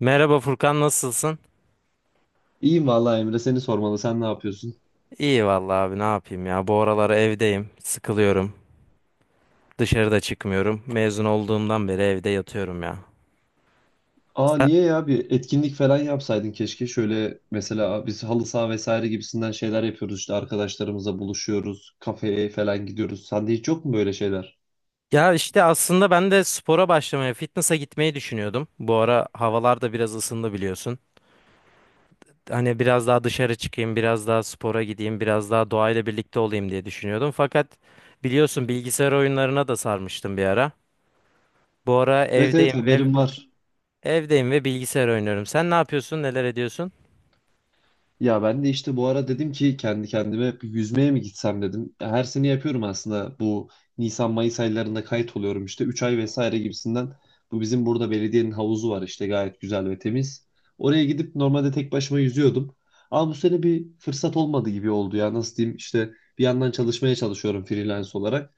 Merhaba Furkan, nasılsın? İyiyim vallahi Emre seni sormalı. Sen ne yapıyorsun? İyi vallahi abi, ne yapayım ya. Bu aralar evdeyim. Sıkılıyorum. Dışarıda çıkmıyorum. Mezun olduğumdan beri evde yatıyorum ya. Aa Sen- niye ya bir etkinlik falan yapsaydın keşke. Şöyle mesela biz halı saha vesaire gibisinden şeyler yapıyoruz işte arkadaşlarımızla buluşuyoruz. Kafeye falan gidiyoruz. Sende hiç yok mu böyle şeyler? Ya işte aslında ben de spora başlamaya, fitness'a gitmeyi düşünüyordum. Bu ara havalar da biraz ısındı, biliyorsun. Hani biraz daha dışarı çıkayım, biraz daha spora gideyim, biraz daha doğayla birlikte olayım diye düşünüyordum. Fakat biliyorsun, bilgisayar oyunlarına da sarmıştım bir ara. Bu ara Evet evet evdeyim ve haberim var. Bilgisayar oynuyorum. Sen ne yapıyorsun? Neler ediyorsun? Ya ben de işte bu ara dedim ki kendi kendime bir yüzmeye mi gitsem dedim. Her sene yapıyorum aslında bu Nisan Mayıs aylarında kayıt oluyorum işte 3 ay vesaire gibisinden. Bu bizim burada belediyenin havuzu var işte gayet güzel ve temiz. Oraya gidip normalde tek başıma yüzüyordum. Ama bu sene bir fırsat olmadı gibi oldu ya nasıl diyeyim işte bir yandan çalışmaya çalışıyorum freelance olarak.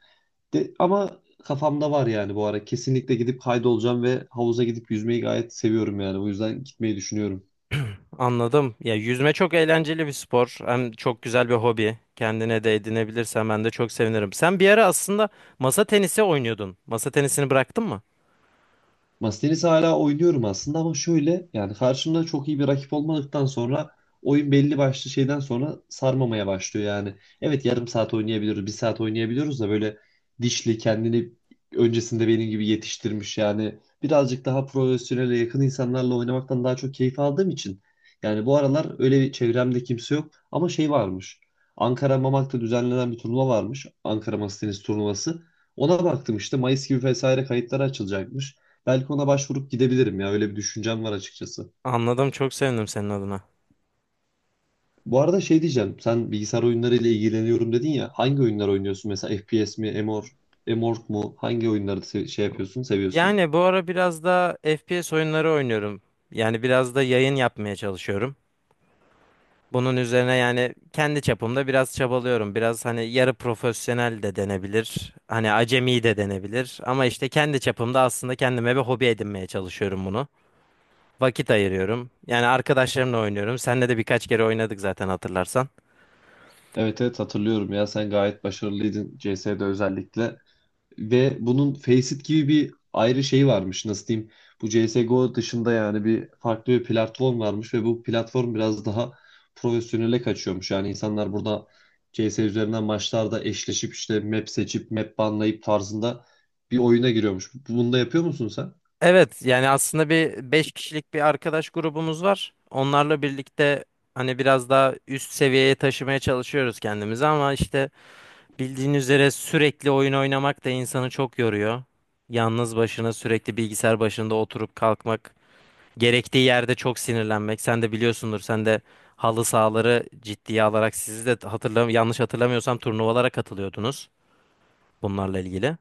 Ama kafamda var yani bu ara kesinlikle gidip kaydolacağım ve havuza gidip yüzmeyi gayet seviyorum yani bu yüzden gitmeyi düşünüyorum. Anladım. Ya yüzme çok eğlenceli bir spor. Hem çok güzel bir hobi. Kendine de edinebilirsen ben de çok sevinirim. Sen bir ara aslında masa tenisi oynuyordun. Masa tenisini bıraktın mı? Masa tenisi hala oynuyorum aslında ama şöyle yani karşımda çok iyi bir rakip olmadıktan sonra oyun belli başlı şeyden sonra sarmamaya başlıyor yani. Evet yarım saat oynayabiliyoruz, bir saat oynayabiliyoruz da böyle dişli kendini öncesinde benim gibi yetiştirmiş yani birazcık daha profesyonele yakın insanlarla oynamaktan daha çok keyif aldığım için yani bu aralar öyle bir çevremde kimse yok ama şey varmış. Ankara Mamak'ta düzenlenen bir turnuva varmış. Ankara Masa Tenisi turnuvası. Ona baktım işte Mayıs gibi vesaire kayıtları açılacakmış. Belki ona başvurup gidebilirim ya. Öyle bir düşüncem var açıkçası. Anladım. Çok sevindim senin adına. Bu arada şey diyeceğim. Sen bilgisayar oyunlarıyla ilgileniyorum dedin ya. Hangi oyunlar oynuyorsun? Mesela FPS mi? MMORPG mu? Hangi oyunları şey yapıyorsun, seviyorsun? Yani bu ara biraz da FPS oyunları oynuyorum. Yani biraz da yayın yapmaya çalışıyorum. Bunun üzerine yani kendi çapımda biraz çabalıyorum. Biraz hani yarı profesyonel de denebilir. Hani acemi de denebilir. Ama işte kendi çapımda aslında kendime bir hobi edinmeye çalışıyorum bunu. Vakit ayırıyorum. Yani arkadaşlarımla oynuyorum. Seninle de birkaç kere oynadık zaten, hatırlarsan. Evet evet hatırlıyorum ya. Sen gayet başarılıydın CS'de özellikle. Ve bunun Faceit gibi bir ayrı şey varmış nasıl diyeyim. Bu CSGO dışında yani bir farklı bir platform varmış ve bu platform biraz daha profesyonele kaçıyormuş. Yani insanlar burada CS üzerinden maçlarda eşleşip işte map seçip map banlayıp tarzında bir oyuna giriyormuş. Bunu da yapıyor musun sen? Evet yani aslında bir 5 kişilik bir arkadaş grubumuz var. Onlarla birlikte hani biraz daha üst seviyeye taşımaya çalışıyoruz kendimizi, ama işte bildiğin üzere sürekli oyun oynamak da insanı çok yoruyor. Yalnız başına sürekli bilgisayar başında oturup kalkmak, gerektiği yerde çok sinirlenmek. Sen de biliyorsundur, sen de halı sahaları ciddiye alarak, sizi de hatırlam, yanlış hatırlamıyorsam turnuvalara katılıyordunuz. Bunlarla ilgili.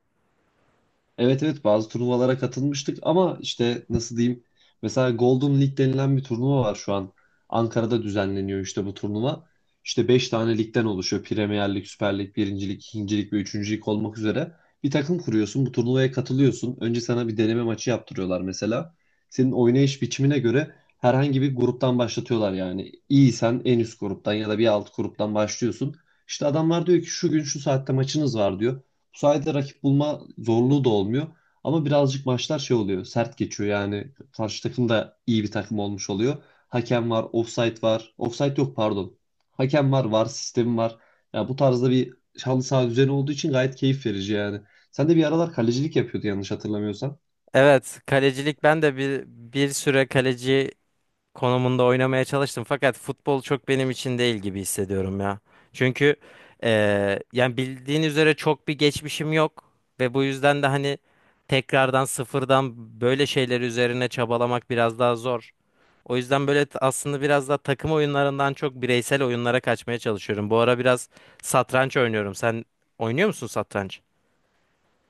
Evet evet bazı turnuvalara katılmıştık ama işte nasıl diyeyim mesela Golden League denilen bir turnuva var şu an. Ankara'da düzenleniyor işte bu turnuva. İşte 5 tane ligden oluşuyor. Premier Lig, Süper Lig, 1. Lig, 2. Lig ve 3. Lig olmak üzere. Bir takım kuruyorsun, bu turnuvaya katılıyorsun. Önce sana bir deneme maçı yaptırıyorlar mesela. Senin oynayış biçimine göre herhangi bir gruptan başlatıyorlar yani. İyiysen en üst gruptan ya da bir alt gruptan başlıyorsun. İşte adamlar diyor ki şu gün şu saatte maçınız var diyor. Bu sayede rakip bulma zorluğu da olmuyor. Ama birazcık maçlar şey oluyor. Sert geçiyor yani. Karşı takım da iyi bir takım olmuş oluyor. Hakem var, offside var. Offside yok pardon. Hakem var, var sistemi var. Ya bu tarzda bir halı saha düzeni olduğu için gayet keyif verici yani. Sen de bir aralar kalecilik yapıyordu yanlış hatırlamıyorsam. Evet, kalecilik ben de bir süre kaleci konumunda oynamaya çalıştım, fakat futbol çok benim için değil gibi hissediyorum ya. Çünkü yani bildiğin üzere çok bir geçmişim yok ve bu yüzden de hani tekrardan sıfırdan böyle şeyler üzerine çabalamak biraz daha zor. O yüzden böyle aslında biraz daha takım oyunlarından çok bireysel oyunlara kaçmaya çalışıyorum. Bu ara biraz satranç oynuyorum. Sen oynuyor musun satranç?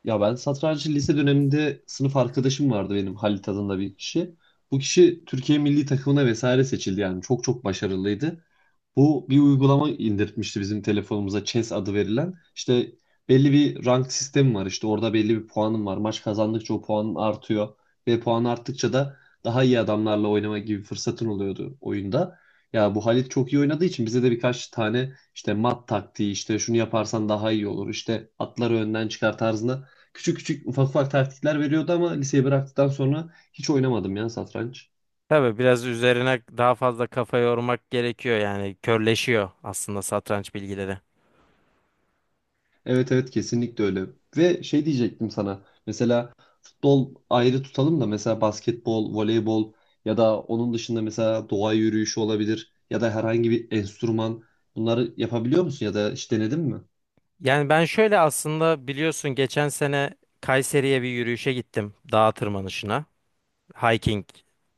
Ya ben satrancı lise döneminde sınıf arkadaşım vardı benim Halit adında bir kişi. Bu kişi Türkiye milli takımına vesaire seçildi yani çok çok başarılıydı. Bu bir uygulama indirtmişti bizim telefonumuza Chess adı verilen. İşte belli bir rank sistemi var. İşte orada belli bir puanım var. Maç kazandıkça o puanın artıyor. Ve puan arttıkça da daha iyi adamlarla oynama gibi fırsatın oluyordu oyunda. Ya bu Halit çok iyi oynadığı için bize de birkaç tane işte mat taktiği işte şunu yaparsan daha iyi olur. işte atları önden çıkar tarzında küçük küçük ufak ufak taktikler veriyordu ama liseyi bıraktıktan sonra hiç oynamadım ya satranç. Tabii biraz üzerine daha fazla kafa yormak gerekiyor, yani körleşiyor aslında satranç bilgileri. Evet evet kesinlikle öyle. Ve şey diyecektim sana. Mesela futbol ayrı tutalım da mesela basketbol, voleybol ya da onun dışında mesela doğa yürüyüşü olabilir ya da herhangi bir enstrüman bunları yapabiliyor musun ya da hiç denedin mi? Yani ben şöyle aslında, biliyorsun, geçen sene Kayseri'ye bir yürüyüşe gittim, dağ tırmanışına. Hiking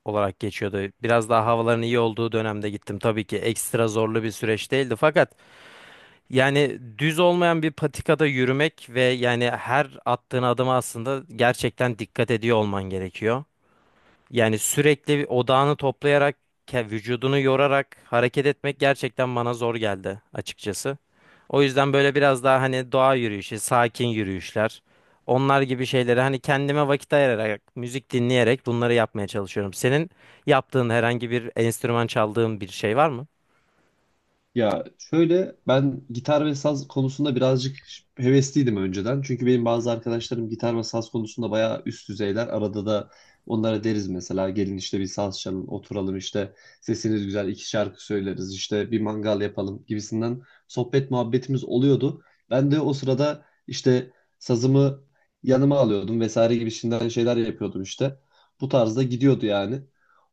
olarak geçiyordu. Biraz daha havaların iyi olduğu dönemde gittim. Tabii ki ekstra zorlu bir süreç değildi, fakat yani düz olmayan bir patikada yürümek ve yani her attığın adıma aslında gerçekten dikkat ediyor olman gerekiyor. Yani sürekli odağını toplayarak, vücudunu yorarak hareket etmek gerçekten bana zor geldi açıkçası. O yüzden böyle biraz daha hani doğa yürüyüşü, sakin yürüyüşler, onlar gibi şeyleri hani kendime vakit ayırarak, müzik dinleyerek bunları yapmaya çalışıyorum. Senin yaptığın, herhangi bir enstrüman çaldığın bir şey var mı? Ya şöyle ben gitar ve saz konusunda birazcık hevesliydim önceden. Çünkü benim bazı arkadaşlarım gitar ve saz konusunda bayağı üst düzeyler. Arada da onlara deriz mesela gelin işte bir saz çalın oturalım işte sesiniz güzel iki şarkı söyleriz işte bir mangal yapalım gibisinden sohbet muhabbetimiz oluyordu. Ben de o sırada işte sazımı yanıma alıyordum vesaire gibisinden şeyler yapıyordum işte. Bu tarzda gidiyordu yani.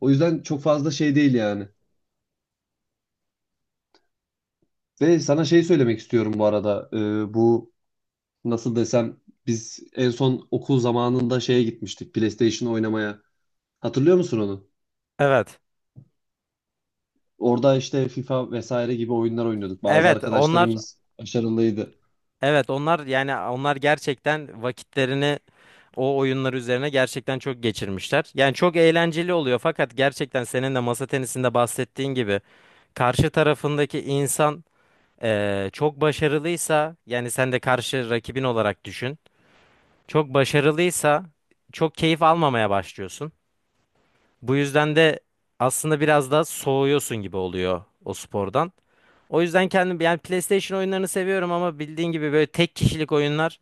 O yüzden çok fazla şey değil yani. Ve sana şey söylemek istiyorum bu arada. Bu nasıl desem biz en son okul zamanında şeye gitmiştik PlayStation oynamaya. Hatırlıyor musun onu? Evet. Orada işte FIFA vesaire gibi oyunlar oynuyorduk. Bazı Evet, onlar. arkadaşlarımız başarılıydı. Evet onlar, yani onlar gerçekten vakitlerini o oyunlar üzerine gerçekten çok geçirmişler. Yani çok eğlenceli oluyor, fakat gerçekten senin de masa tenisinde bahsettiğin gibi karşı tarafındaki insan çok başarılıysa, yani sen de karşı rakibin olarak düşün. Çok başarılıysa çok keyif almamaya başlıyorsun. Bu yüzden de aslında biraz da soğuyorsun gibi oluyor o spordan. O yüzden kendim yani PlayStation oyunlarını seviyorum, ama bildiğin gibi böyle tek kişilik oyunlar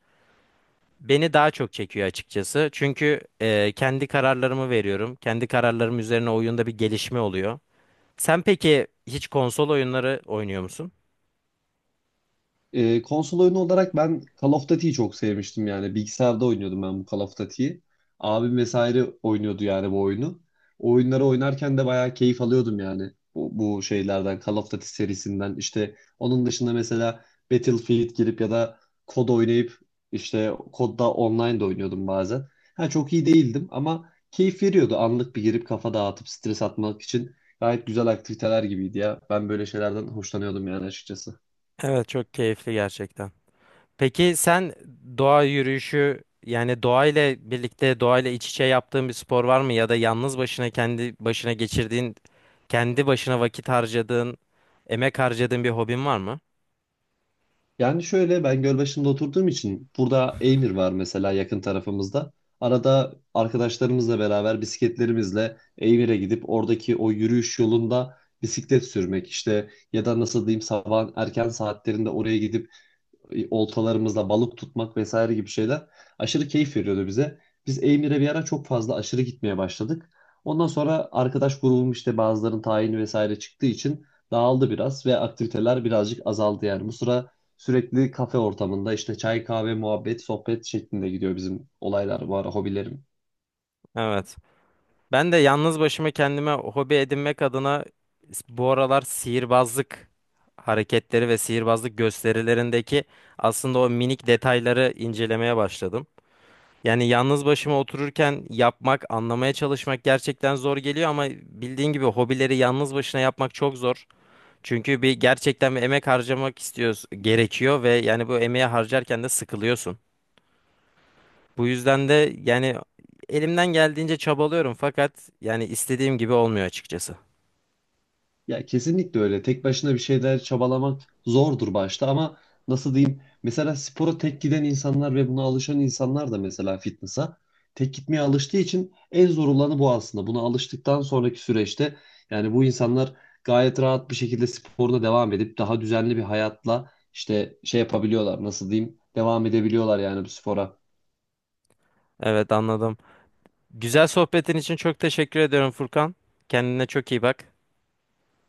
beni daha çok çekiyor açıkçası. Çünkü kendi kararlarımı veriyorum. Kendi kararlarım üzerine oyunda bir gelişme oluyor. Sen peki hiç konsol oyunları oynuyor musun? Konsol oyunu olarak ben Call of Duty'yi çok sevmiştim yani. Bilgisayarda oynuyordum ben bu Call of Duty'yi. Abim vesaire oynuyordu yani bu oyunu. O oyunları oynarken de bayağı keyif alıyordum yani. Bu şeylerden, Call of Duty serisinden. İşte onun dışında mesela Battlefield girip ya da kod oynayıp işte kodda online de oynuyordum bazen. Ha, çok iyi değildim ama keyif veriyordu. Anlık bir girip kafa dağıtıp stres atmak için gayet güzel aktiviteler gibiydi ya. Ben böyle şeylerden hoşlanıyordum yani açıkçası. Evet, çok keyifli gerçekten. Peki sen doğa yürüyüşü, yani doğayla birlikte, doğayla iç içe yaptığın bir spor var mı? Ya da yalnız başına kendi başına geçirdiğin, kendi başına vakit harcadığın, emek harcadığın bir hobin var mı? Yani şöyle ben Gölbaşı'nda oturduğum için burada Eymir var mesela yakın tarafımızda. Arada arkadaşlarımızla beraber bisikletlerimizle Eymir'e gidip oradaki o yürüyüş yolunda bisiklet sürmek işte ya da nasıl diyeyim sabah erken saatlerinde oraya gidip oltalarımızla balık tutmak vesaire gibi şeyler aşırı keyif veriyordu bize. Biz Eymir'e bir ara çok fazla aşırı gitmeye başladık. Ondan sonra arkadaş grubum işte bazılarının tayini vesaire çıktığı için dağıldı biraz ve aktiviteler birazcık azaldı yani. Bu sıra sürekli kafe ortamında işte çay, kahve, muhabbet, sohbet şeklinde gidiyor bizim olaylar bu ara hobilerimiz. Evet. Ben de yalnız başıma kendime hobi edinmek adına bu aralar sihirbazlık hareketleri ve sihirbazlık gösterilerindeki aslında o minik detayları incelemeye başladım. Yani yalnız başıma otururken yapmak, anlamaya çalışmak gerçekten zor geliyor, ama bildiğin gibi hobileri yalnız başına yapmak çok zor. Çünkü bir gerçekten bir emek harcamak istiyoruz, gerekiyor ve yani bu emeği harcarken de sıkılıyorsun. Bu yüzden de yani elimden geldiğince çabalıyorum, fakat yani istediğim gibi olmuyor açıkçası. Ya kesinlikle öyle. Tek başına bir şeyler çabalamak zordur başta ama nasıl diyeyim? Mesela spora tek giden insanlar ve buna alışan insanlar da mesela fitness'a tek gitmeye alıştığı için en zor olanı bu aslında. Buna alıştıktan sonraki süreçte yani bu insanlar gayet rahat bir şekilde sporuna devam edip daha düzenli bir hayatla işte şey yapabiliyorlar. Nasıl diyeyim? Devam edebiliyorlar yani bu spora. Evet, anladım. Güzel sohbetin için çok teşekkür ediyorum Furkan. Kendine çok iyi bak.